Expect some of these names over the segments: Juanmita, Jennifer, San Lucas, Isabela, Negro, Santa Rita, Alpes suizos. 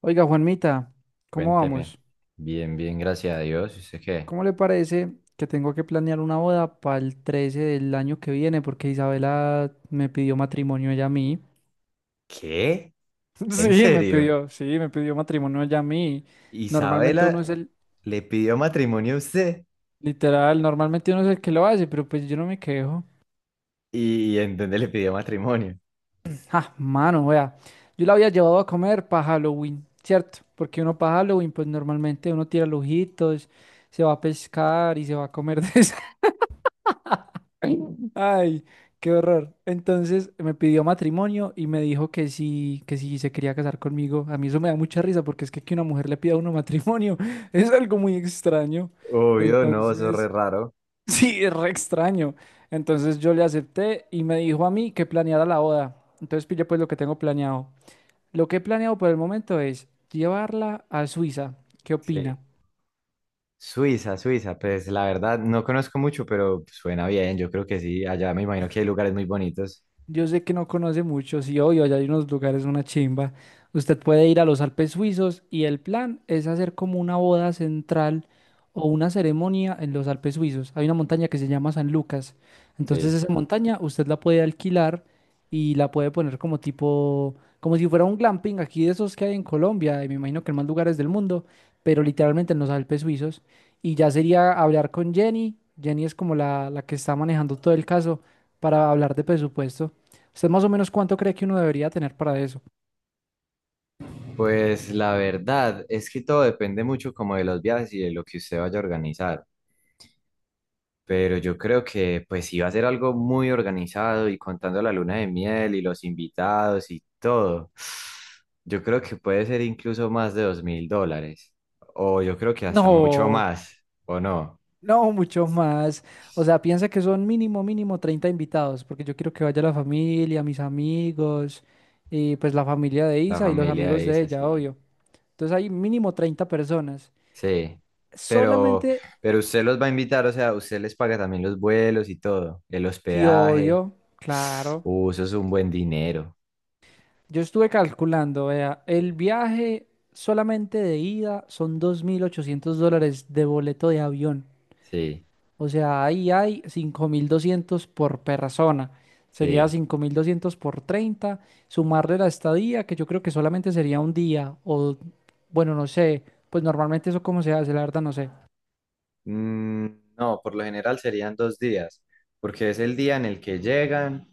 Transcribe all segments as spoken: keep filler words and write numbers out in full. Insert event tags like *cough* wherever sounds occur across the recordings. Oiga, Juanmita, ¿cómo Cuénteme. vamos? Bien, bien, gracias a Dios. ¿Y usted qué? ¿Cómo le parece que tengo que planear una boda para el trece del año que viene? Porque Isabela me pidió matrimonio ella a mí. ¿Qué? *laughs* ¿En Sí, me serio? pidió, sí, me pidió matrimonio ella a mí. Normalmente uno ¿Isabela es el, le pidió matrimonio a usted? Literal, normalmente uno es el que lo hace, pero pues yo no me quejo. ¿Y en dónde le pidió matrimonio? Ah, mano, vea, yo la había llevado a comer para Halloween, ¿cierto? Porque uno para Halloween, pues normalmente uno tira lujitos, se va a pescar y se va a comer de *laughs* Ay, qué horror. Entonces me pidió matrimonio y me dijo que sí, que sí se quería casar conmigo. A mí eso me da mucha risa porque es que que una mujer le pida a uno matrimonio *laughs* es algo muy extraño. Obvio, no, eso es re Entonces, raro. *laughs* sí, es re extraño. Entonces yo le acepté y me dijo a mí que planeara la boda. Entonces pille pues lo que tengo planeado. Lo que he planeado por el momento es llevarla a Suiza. ¿Qué Sí. opina? Suiza, Suiza, pues la verdad no conozco mucho, pero suena bien, yo creo que sí, allá me imagino que hay lugares muy bonitos. Yo sé que no conoce mucho, sí, obvio, allá hay unos lugares, una chimba. Usted puede ir a los Alpes suizos y el plan es hacer como una boda central o una ceremonia en los Alpes suizos. Hay una montaña que se llama San Lucas. Entonces Sí. esa montaña usted la puede alquilar y la puede poner como tipo, como si fuera un glamping aquí de esos que hay en Colombia y me imagino que en más lugares del mundo, pero literalmente en los Alpes suizos. Y ya sería hablar con Jenny. Jenny es como la, la que está manejando todo el caso para hablar de presupuesto. ¿Usted más o menos cuánto cree que uno debería tener para eso? Pues la verdad es que todo depende mucho como de los viajes y de lo que usted vaya a organizar. Pero yo creo que pues iba a ser algo muy organizado y contando la luna de miel y los invitados y todo. Yo creo que puede ser incluso más de dos mil dólares. O yo creo que hasta mucho No, más. ¿O no? no, mucho más. O sea, piensa que son mínimo, mínimo treinta invitados, porque yo quiero que vaya la familia, mis amigos, y pues la familia de La Isa y los familia amigos de es ella, así. obvio. Entonces hay mínimo treinta personas. Sí. Pero, Solamente, pero usted los va a invitar, o sea, usted les paga también los vuelos y todo. El sí, hospedaje. obvio, *sighs* claro. Uh, eso es un buen dinero. Yo estuve calculando, vea, el viaje solamente de ida son dos mil ochocientos dólares de boleto de avión. Sí, O sea, ahí hay cinco mil doscientos por persona. Sería sí. cinco mil doscientos por treinta. Sumarle la estadía, que yo creo que solamente sería un día. O, bueno, no sé. Pues normalmente eso cómo se hace, la verdad no sé. Mm, no, por lo general serían dos días, porque es el día en el que llegan,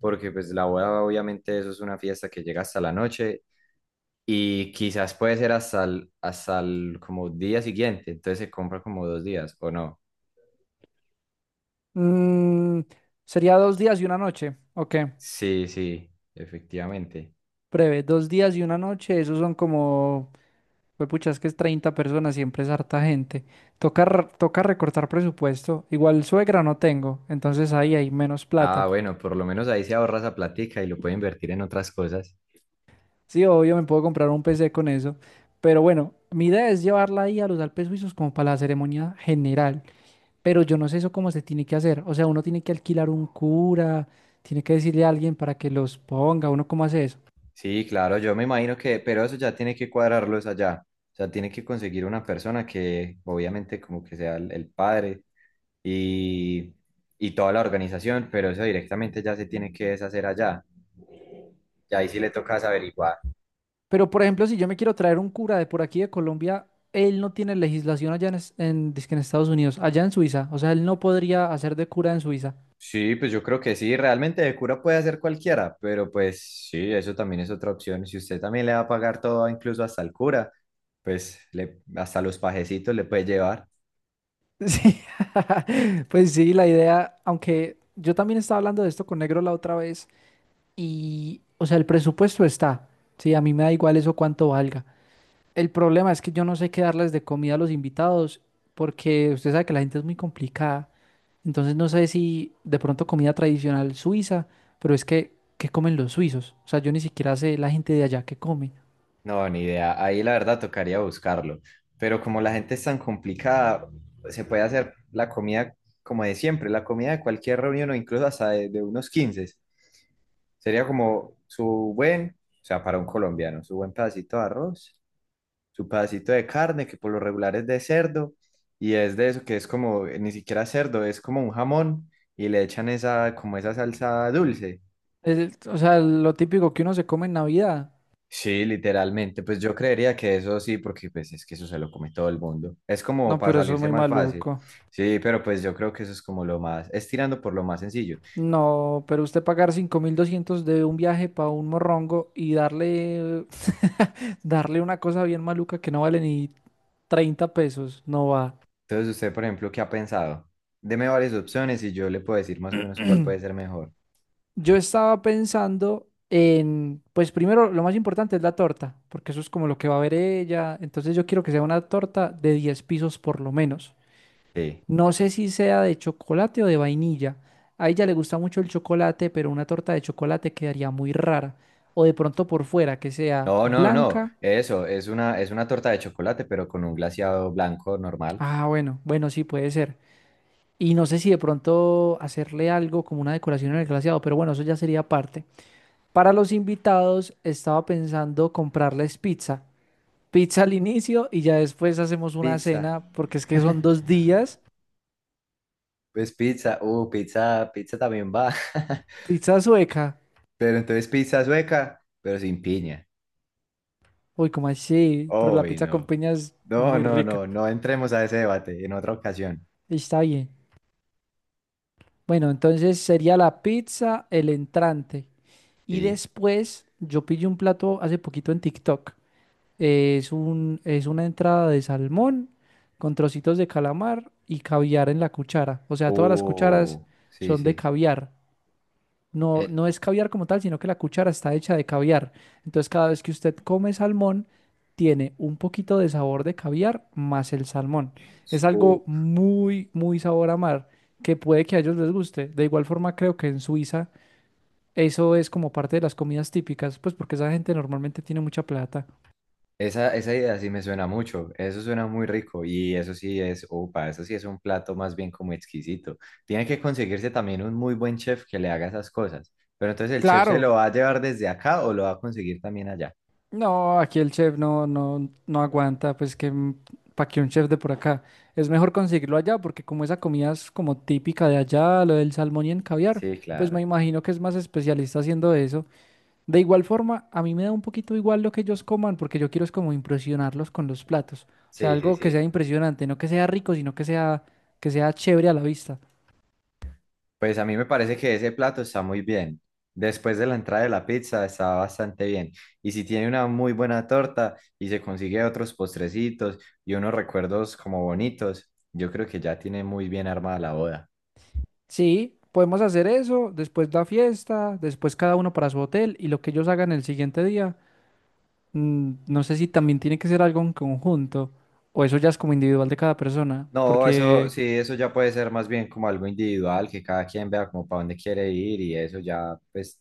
porque pues la boda obviamente eso es una fiesta que llega hasta la noche y quizás puede ser hasta el, hasta el como día siguiente, entonces se compra como dos días, ¿o no? Mm, Sería dos días y una noche. Ok, Sí, sí, efectivamente. breve. Dos días y una noche. Esos son como... pues pucha, es que es treinta personas, siempre es harta gente. Toca, r- toca recortar presupuesto. Igual suegra no tengo, entonces ahí hay menos plata. Ah, bueno, por lo menos ahí se ahorra esa platica y lo puede invertir en otras cosas. Sí, obvio, me puedo comprar un P C con eso. Pero bueno, mi idea es llevarla ahí a los Alpes Suizos como para la ceremonia general. Pero yo no sé eso cómo se tiene que hacer. O sea, uno tiene que alquilar un cura, tiene que decirle a alguien para que los ponga, uno cómo hace eso. Sí, claro, yo me imagino que, pero eso ya tiene que cuadrarlo es allá. O sea, tiene que conseguir una persona que obviamente como que sea el, el padre y, y toda la organización, pero eso directamente ya se tiene que deshacer allá. Y ahí sí le tocas averiguar. Pero por ejemplo, si yo me quiero traer un cura de por aquí de Colombia, él no tiene legislación allá en, es- en, dizque en Estados Unidos, allá en Suiza. O sea, él no podría hacer de cura en Suiza. Sí, pues yo creo que sí, realmente de cura puede hacer cualquiera, pero pues sí, eso también es otra opción. Si usted también le va a pagar todo, incluso hasta el cura, pues le, hasta los pajecitos le puede llevar. Sí, *laughs* pues sí, la idea, aunque yo también estaba hablando de esto con Negro la otra vez. Y, o sea, el presupuesto está. Sí, a mí me da igual eso cuánto valga. El problema es que yo no sé qué darles de comida a los invitados porque usted sabe que la gente es muy complicada. Entonces no sé si de pronto comida tradicional suiza, pero es que, ¿qué comen los suizos? O sea, yo ni siquiera sé la gente de allá qué come. No, ni idea. Ahí la verdad tocaría buscarlo. Pero como la gente es tan complicada, se puede hacer la comida como de siempre, la comida de cualquier reunión o incluso hasta de, de unos quince. Sería como su buen, o sea, para un colombiano, su buen pedacito de arroz, su pedacito de carne, que por lo regular es de cerdo, y es de eso que es como, eh, ni siquiera cerdo, es como un jamón, y le echan esa, como esa salsa dulce. Es- o sea, lo típico que uno se come en Navidad. Sí, literalmente, pues yo creería que eso sí, porque pues es que eso se lo come todo el mundo. Es como No, para pero eso es salirse muy más fácil. maluco. Sí, pero pues yo creo que eso es como lo más, es tirando por lo más sencillo. No, pero usted pagar cinco mil doscientos de un viaje para un morrongo y darle, *laughs* darle una cosa bien maluca que no vale ni treinta pesos, no va. Entonces, usted, por ejemplo, ¿qué ha pensado? Deme varias opciones y yo le puedo decir más o menos cuál puede ser *clears throat* mejor. Yo estaba pensando en, pues primero, lo más importante es la torta, porque eso es como lo que va a ver ella. Entonces yo quiero que sea una torta de diez pisos por lo menos. Sí. No sé si sea de chocolate o de vainilla. A ella le gusta mucho el chocolate, pero una torta de chocolate quedaría muy rara. O de pronto por fuera, que sea No, no, no, blanca. eso, es una, es una torta de chocolate, pero con un glaseado blanco normal. Ah, bueno, bueno, sí puede ser. Y no sé si de pronto hacerle algo como una decoración en el glaseado, pero bueno, eso ya sería parte. Para los invitados, estaba pensando comprarles pizza. Pizza al inicio y ya después hacemos una Pizza, cena, porque es que son dos días. pues pizza, uh, pizza, pizza también va, *laughs* Pizza sueca. pero entonces pizza sueca, pero sin piña. Uy, como así, pero la Uy, pizza con no, piña es no, muy no, rica. no, no entremos a ese debate en otra ocasión. Está bien. Bueno, entonces sería la pizza, el entrante. Y Sí. después yo pillé un plato hace poquito en TikTok. Es un, es una entrada de salmón con trocitos de calamar y caviar en la cuchara. O sea, todas las cucharas Uh, sí, son de sí. caviar. No, Eh, no es caviar como tal, sino que la cuchara está hecha de caviar. Entonces, cada vez que usted come salmón, tiene un poquito de sabor de caviar más el salmón. Es algo muy, muy sabor a mar, que puede que a ellos les guste. De igual forma, creo que en Suiza eso es como parte de las comidas típicas, pues porque esa gente normalmente tiene mucha plata. esa, esa idea sí me suena mucho, eso suena muy rico y eso sí es, opa, eso sí es un plato más bien como exquisito. Tiene que conseguirse también un muy buen chef que le haga esas cosas, pero entonces el chef se lo Claro. va a llevar desde acá o lo va a conseguir también allá. No, aquí el chef no, no, no aguanta, pues que para que un chef de por acá. Es mejor conseguirlo allá, porque como esa comida es como típica de allá, lo del salmón y el caviar, Sí, pues me claro. imagino que es más especialista haciendo eso. De igual forma, a mí me da un poquito igual lo que ellos coman, porque yo quiero es como impresionarlos con los platos. O sea, Sí, sí, algo que sí. sea impresionante, no que sea rico, sino que sea, que sea chévere a la vista. Pues a mí me parece que ese plato está muy bien. Después de la entrada de la pizza está bastante bien. Y si tiene una muy buena torta y se consigue otros postrecitos y unos recuerdos como bonitos, yo creo que ya tiene muy bien armada la boda. Sí, podemos hacer eso, después la fiesta, después cada uno para su hotel, y lo que ellos hagan el siguiente día. Mm, No sé si también tiene que ser algo en conjunto o eso ya es como individual de cada persona, No, eso porque, sí, eso ya puede ser más bien como algo individual, que cada quien vea como para dónde quiere ir y eso ya, pues,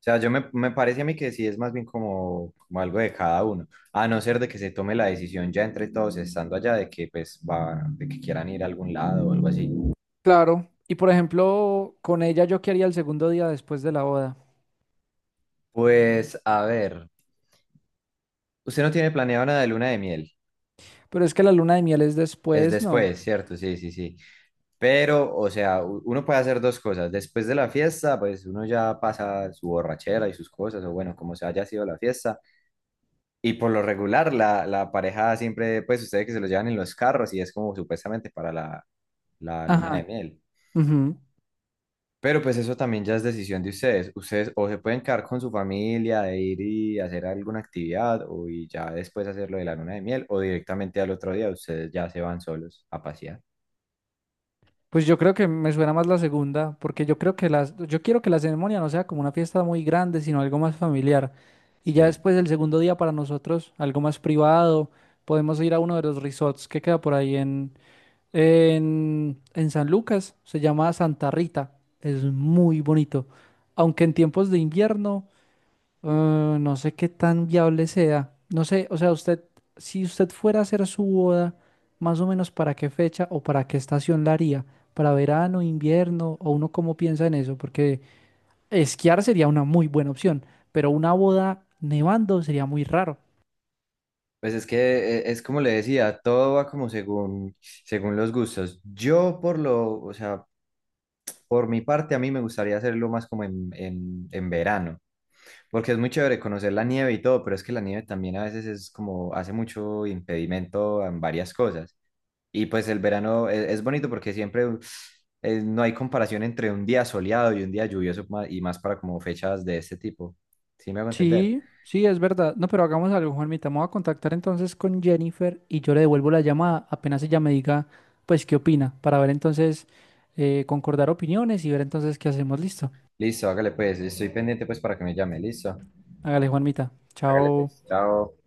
o sea, yo me, me parece a mí que sí es más bien como, como algo de cada uno, a no ser de que se tome la decisión ya entre todos estando allá de que pues va, de que quieran ir a algún lado o algo así. claro, y por ejemplo, con ella yo quería el segundo día después de la boda, Pues, a ver, usted no tiene planeado nada de luna de miel, pero es que la luna de miel es es después, ¿no? después, ¿cierto? Sí, sí, sí. Pero, o sea, u- uno puede hacer dos cosas. Después de la fiesta, pues uno ya pasa su borrachera y sus cosas, o bueno, como se haya sido la fiesta. Y por lo regular, la, la pareja siempre, pues ustedes que se lo llevan en los carros y es como supuestamente para la, la luna de Ajá. miel. Ujú. Pero pues eso también ya es decisión de ustedes. Ustedes o se pueden quedar con su familia de ir y hacer alguna actividad o y ya después hacer lo de la luna de miel o directamente al otro día ustedes ya se van solos a pasear. Pues yo creo que me suena más la segunda, porque yo creo que las, yo quiero que la ceremonia no sea como una fiesta muy grande, sino algo más familiar. Y ya Sí. después el segundo día para nosotros, algo más privado, podemos ir a uno de los resorts que queda por ahí. En, en San Lucas se llama Santa Rita. Es muy bonito. Aunque en tiempos de invierno, eh, no sé qué tan viable sea. No sé, o sea, usted, si usted fuera a hacer su boda, más o menos para qué fecha o para qué estación la haría. ¿Para verano, invierno? ¿O uno cómo piensa en eso? Porque esquiar sería una muy buena opción, pero una boda nevando sería muy raro. Pues es que eh, es como le decía, todo va como según, según los gustos. Yo por lo, o sea, por mi parte a mí me gustaría hacerlo más como en, en, en verano, porque es muy chévere conocer la nieve y todo, pero es que la nieve también a veces es como, hace mucho impedimento en varias cosas. Y pues el verano es, es bonito porque siempre eh, no hay comparación entre un día soleado y un día lluvioso ma- y más para como fechas de este tipo. ¿Sí me hago entender? Sí, sí, es verdad. No, pero hagamos algo, Juanmita. Me voy a contactar entonces con Jennifer y yo le devuelvo la llamada apenas ella me diga, pues, qué opina, para ver entonces, eh, concordar opiniones y ver entonces qué hacemos. Listo. Listo, hágale pues, estoy pendiente pues para que me llame, listo. Hágale, Juanmita. Hágale pues, Chao. chao.